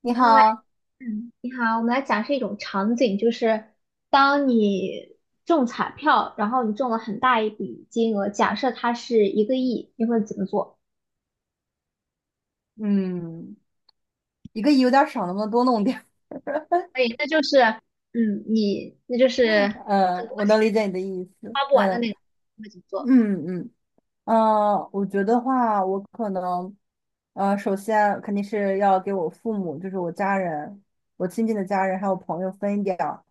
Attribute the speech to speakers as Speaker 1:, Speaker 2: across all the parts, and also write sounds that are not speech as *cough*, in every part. Speaker 1: 你
Speaker 2: 我们来，
Speaker 1: 好，
Speaker 2: 嗯，你好，我们来假设一种场景，就是当你中彩票，然后你中了很大一笔金额，假设它是1个亿，你会怎么做？
Speaker 1: 嗯一个亿有点少，能不能多弄点儿？
Speaker 2: 可以，那就是，你那就是
Speaker 1: *laughs*
Speaker 2: 很
Speaker 1: 嗯，
Speaker 2: 多
Speaker 1: 我能理解你的意思。
Speaker 2: 花不完的
Speaker 1: 嗯
Speaker 2: 那个，你会怎么做？
Speaker 1: 嗯嗯，我觉得话，我可能，首先肯定是要给我父母，就是我家人，我亲近的家人还有朋友分一点儿，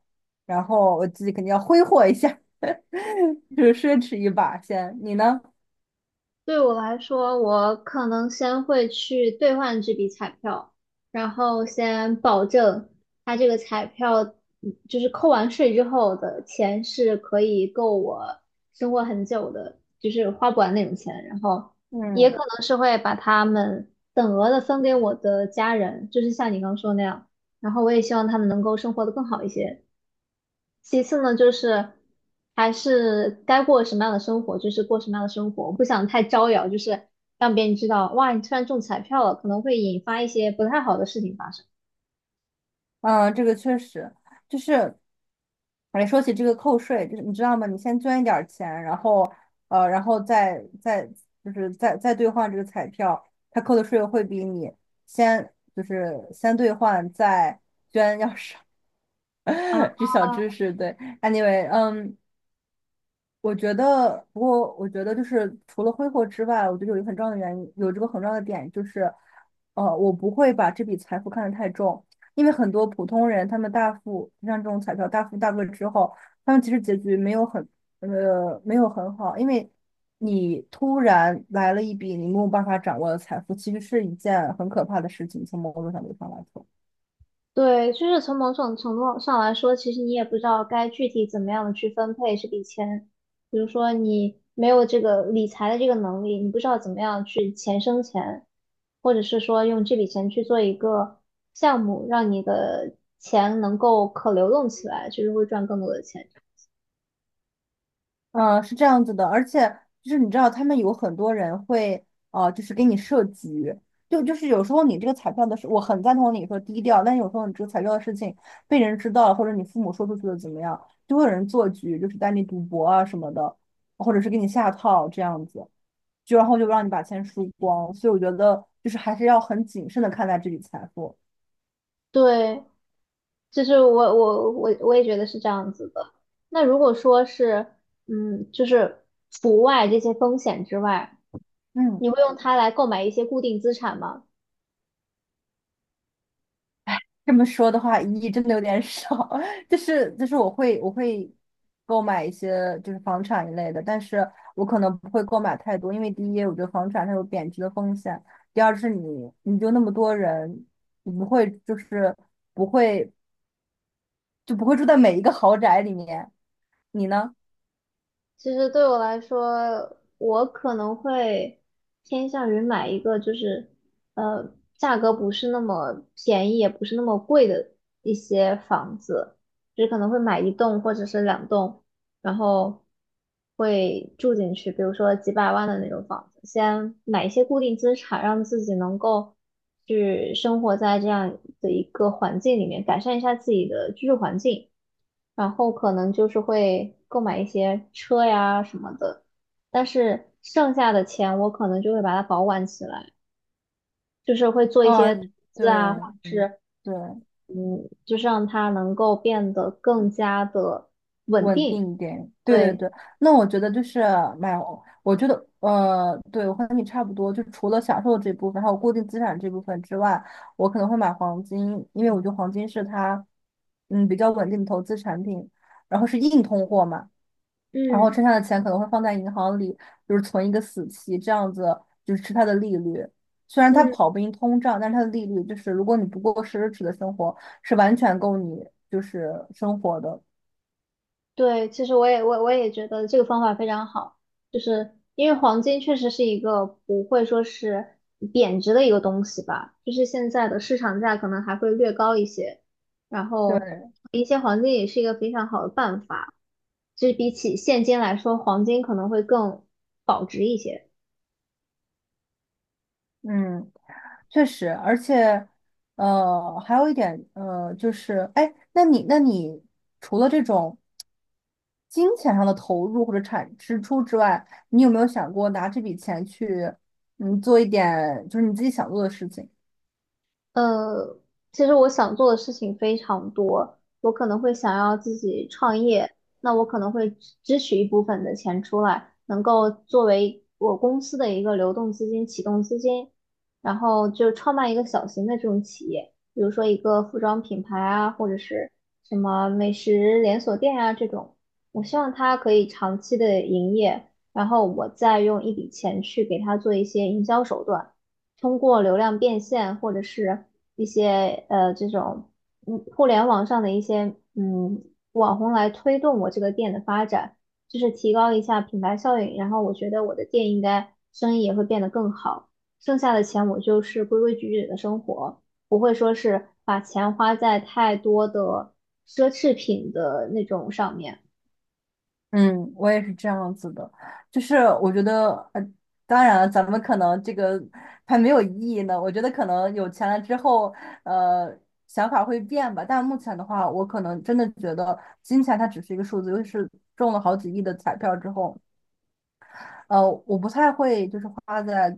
Speaker 1: 然后我自己肯定要挥霍一下，*laughs* 就是奢侈一把先。你呢？
Speaker 2: 对我来说，我可能先会去兑换这笔彩票，然后先保证它这个彩票，就是扣完税之后的钱是可以够我生活很久的，就是花不完那种钱。然后也可
Speaker 1: 嗯
Speaker 2: 能是会把他们等额的分给我的家人，就是像你刚说那样。然后我也希望他们能够生活的更好一些。其次呢，就是还是该过什么样的生活，就是过什么样的生活。我不想太招摇，就是让别人知道，哇，你突然中彩票了，可能会引发一些不太好的事情发生。
Speaker 1: 这个确实就是。哎，说起这个扣税，就是你知道吗？你先捐一点儿钱，然后然后再就是再兑换这个彩票，它扣的税会比你先就是先兑换再捐要少。
Speaker 2: 啊，
Speaker 1: *laughs* 这小知识，对，anyway，我觉得，不过我觉得就是除了挥霍之外，我觉得有一个很重要的原因，有这个很重要的点就是，我不会把这笔财富看得太重，因为很多普通人他们大富，像这种彩票大富大贵之后，他们其实结局没有很，没有很好，因为你突然来了一笔你没有办法掌握的财富，其实是一件很可怕的事情，从某种角度上来说。
Speaker 2: 对，就是从某种程度上来说，其实你也不知道该具体怎么样的去分配这笔钱。比如说，你没有这个理财的这个能力，你不知道怎么样去钱生钱，或者是说用这笔钱去做一个项目，让你的钱能够可流动起来，就是会赚更多的钱。
Speaker 1: 嗯，是这样子的，而且就是你知道，他们有很多人会，就是给你设局，就是有时候你这个彩票的事，我很赞同你说低调，但有时候你这个彩票的事情被人知道了，或者你父母说出去了怎么样，就会有人做局，就是带你赌博啊什么的，或者是给你下套这样子，就然后就让你把钱输光，所以我觉得就是还是要很谨慎的看待这笔财富。
Speaker 2: 对，就是我也觉得是这样子的。那如果说是，就是除外这些风险之外。
Speaker 1: 嗯。
Speaker 2: 你会用它来购买一些固定资产吗？
Speaker 1: 这么说的话，一亿真的有点少。*laughs* 就是我会购买一些就是房产一类的，但是我可能不会购买太多，因为第一，我觉得房产它有贬值的风险；第二是你就那么多人，你不会就是不会就不会住在每一个豪宅里面。你呢？
Speaker 2: 其实对我来说，我可能会偏向于买一个就是呃价格不是那么便宜，也不是那么贵的一些房子，就是可能会买一栋或者是两栋，然后会住进去，比如说几百万的那种房子，先买一些固定资产，让自己能够去生活在这样的一个环境里面，改善一下自己的居住环境，然后可能就是会购买一些车呀什么的，但是剩下的钱我可能就会把它保管起来，就是会做一些投
Speaker 1: 嗯，
Speaker 2: 资啊，或
Speaker 1: 对
Speaker 2: 者是
Speaker 1: 对。
Speaker 2: 就是让它能够变得更加的稳
Speaker 1: 稳
Speaker 2: 定，
Speaker 1: 定一点，对对
Speaker 2: 对。
Speaker 1: 对，那我觉得就是买，我觉得对，我和你差不多，就除了享受这部分，还有固定资产这部分之外，我可能会买黄金，因为我觉得黄金是它，比较稳定的投资产品，然后是硬通货嘛，然后
Speaker 2: 嗯。
Speaker 1: 剩下的钱可能会放在银行里，就是存一个死期，这样子就是吃它的利率。虽然它
Speaker 2: 嗯，
Speaker 1: 跑不赢通胀，但是它的利率就是如果你不过奢侈的生活，是完全够你就是生活的。
Speaker 2: 对，其实我也觉得这个方法非常好，就是因为黄金确实是一个不会说是贬值的一个东西吧，就是现在的市场价可能还会略高一些，然后
Speaker 1: 对，
Speaker 2: 一些黄金也是一个非常好的办法，就是比起现金来说，黄金可能会更保值一些。
Speaker 1: 嗯，确实，而且，还有一点，就是，哎，那你除了这种金钱上的投入或者产支出之外，你有没有想过拿这笔钱去，做一点就是你自己想做的事情？
Speaker 2: 呃，其实我想做的事情非常多，我可能会想要自己创业，那我可能会支取一部分的钱出来，能够作为我公司的一个流动资金、启动资金，然后就创办一个小型的这种企业，比如说一个服装品牌啊，或者是什么美食连锁店啊这种，我希望它可以长期的营业，然后我再用一笔钱去给它做一些营销手段。通过流量变现或者是一些这种互联网上的一些网红来推动我这个店的发展，就是提高一下品牌效应，然后我觉得我的店应该生意也会变得更好，剩下的钱我就是规规矩矩的生活，不会说是把钱花在太多的奢侈品的那种上面。
Speaker 1: 嗯，我也是这样子的，就是我觉得，当然了，咱们可能这个还没有意义呢。我觉得可能有钱了之后，呃，想法会变吧。但目前的话，我可能真的觉得金钱它只是一个数字，尤其是中了好几亿的彩票之后，我不太会就是花在，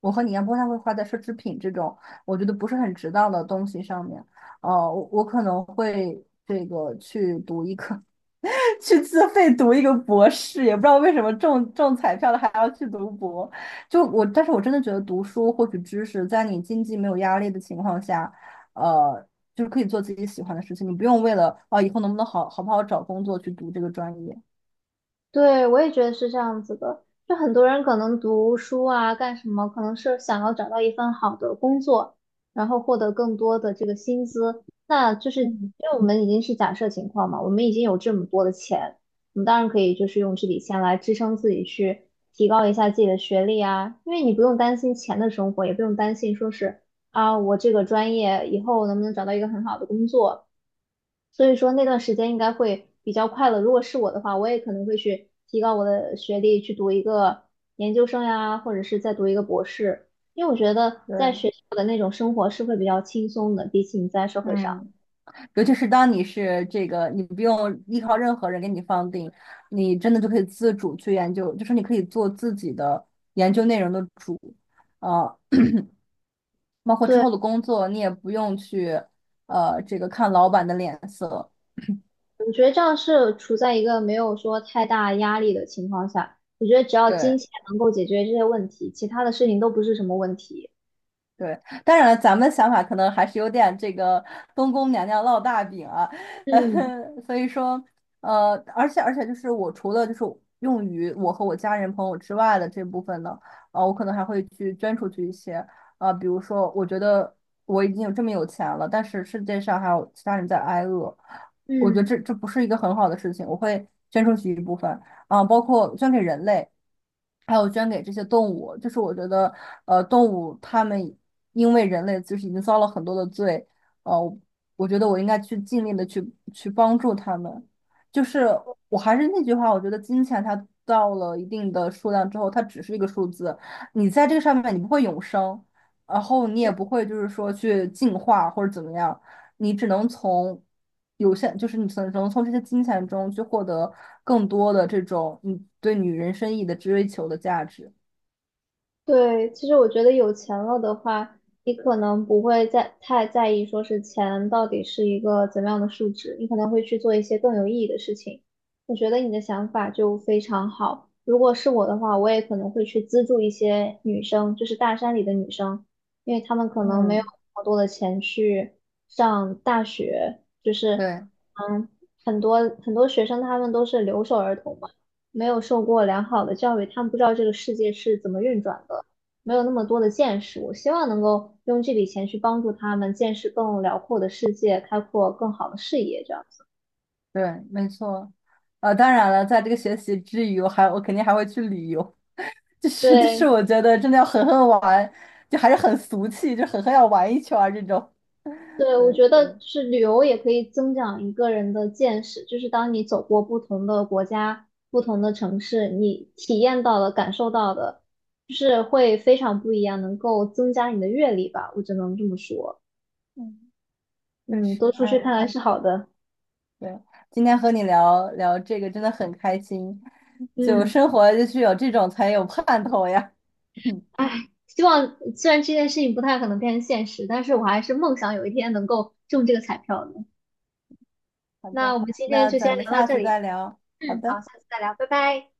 Speaker 1: 我和你一样不太会花在奢侈品这种我觉得不是很值当的东西上面。我可能会这个去读一个。去自费读一个博士，也不知道为什么中彩票了还要去读博。就我，但是我真的觉得读书获取知识，在你经济没有压力的情况下，呃，就是可以做自己喜欢的事情，你不用为了啊以后能不能好好不好找工作去读这个专业。
Speaker 2: 对，我也觉得是这样子的。就很多人可能读书啊，干什么，可能是想要找到一份好的工作，然后获得更多的这个薪资。那就是因
Speaker 1: 嗯，
Speaker 2: 为我们已经是假设情况嘛，我们已经有这么多的钱，我们当然可以就是用这笔钱来支撑自己去提高一下自己的学历啊。因为你不用担心钱的生活，也不用担心说是啊，我这个专业以后能不能找到一个很好的工作。所以说那段时间应该会比较快乐。如果是我的话，我也可能会去提高我的学历，去读一个研究生呀，或者是再读一个博士，因为我觉得在
Speaker 1: 对，
Speaker 2: 学校的那种生活是会比较轻松的，比起你在社会上。
Speaker 1: 嗯，尤其是当你是这个，你不用依靠任何人给你放定，你真的就可以自主去研究，就是你可以做自己的研究内容的主，啊、包括之
Speaker 2: 对，
Speaker 1: 后的工作，你也不用去这个看老板的脸色。
Speaker 2: 我觉得这样是处在一个没有说太大压力的情况下，我觉得只要
Speaker 1: 对，
Speaker 2: 金钱能够解决这些问题，其他的事情都不是什么问题。
Speaker 1: 对，当然了，咱们的想法可能还是有点这个东宫娘娘烙大饼啊，*laughs* 呃，
Speaker 2: 嗯
Speaker 1: 所以说，而且就是我除了就是用于我和我家人朋友之外的这部分呢，我可能还会去捐出去一些，比如说我觉得我已经有这么有钱了，但是世界上还有其他人在挨饿，我觉得
Speaker 2: 嗯。
Speaker 1: 这不是一个很好的事情，我会捐出去一部分，啊、包括捐给人类。还有捐给这些动物，就是我觉得，动物它们因为人类就是已经遭了很多的罪，呃，我我觉得我应该去尽力的去帮助他们。就是我还是那句话，我觉得金钱它到了一定的数量之后，它只是一个数字，你在这个上面你不会永生，然后你也不会就是说去进化或者怎么样，你只能从有限，就是你只能从这些金钱中去获得更多的这种你对女人生意义的追求的价值。
Speaker 2: 对，其实我觉得有钱了的话，你可能不会在太在意说是钱到底是一个怎么样的数值，你可能会去做一些更有意义的事情。我觉得你的想法就非常好。如果是我的话，我也可能会去资助一些女生，就是大山里的女生，因为她们可能没有
Speaker 1: 嗯，
Speaker 2: 那么多的钱去上大学，就是
Speaker 1: 对，
Speaker 2: 嗯，很多很多学生他们都是留守儿童嘛。没有受过良好的教育，他们不知道这个世界是怎么运转的，没有那么多的见识。我希望能够用这笔钱去帮助他们见识更辽阔的世界，开阔更好的视野，这样子。
Speaker 1: 对，没错。当然了，在这个学习之余，我肯定还会去旅游，*laughs*
Speaker 2: 对
Speaker 1: 我觉得真的要狠狠玩，就还是很俗气，就狠狠要玩一圈儿这种。
Speaker 2: 对，我
Speaker 1: 对，
Speaker 2: 觉得是旅游也可以增长一个人的见识，就是当你走过不同的国家、不同的城市，你体验到的、感受到的，就是会非常不一样，能够增加你的阅历吧，我只能这么说。
Speaker 1: 嗯，确
Speaker 2: 嗯，
Speaker 1: 实，
Speaker 2: 多出
Speaker 1: 哎，
Speaker 2: 去看看是好的。
Speaker 1: 对，今天和你聊聊这个真的很开心，就
Speaker 2: 嗯。
Speaker 1: 生活就是有这种才有盼头呀。*laughs*
Speaker 2: 唉，希望虽然这件事情不太可能变成现实，但是我还是梦想有一天能够中这个彩票的。
Speaker 1: 好
Speaker 2: 那我
Speaker 1: 的，
Speaker 2: 们今天
Speaker 1: 那
Speaker 2: 就
Speaker 1: 咱
Speaker 2: 先
Speaker 1: 们
Speaker 2: 聊到
Speaker 1: 下
Speaker 2: 这
Speaker 1: 次
Speaker 2: 里，
Speaker 1: 再聊。好
Speaker 2: 嗯，好，
Speaker 1: 的。
Speaker 2: 下次再聊，拜拜。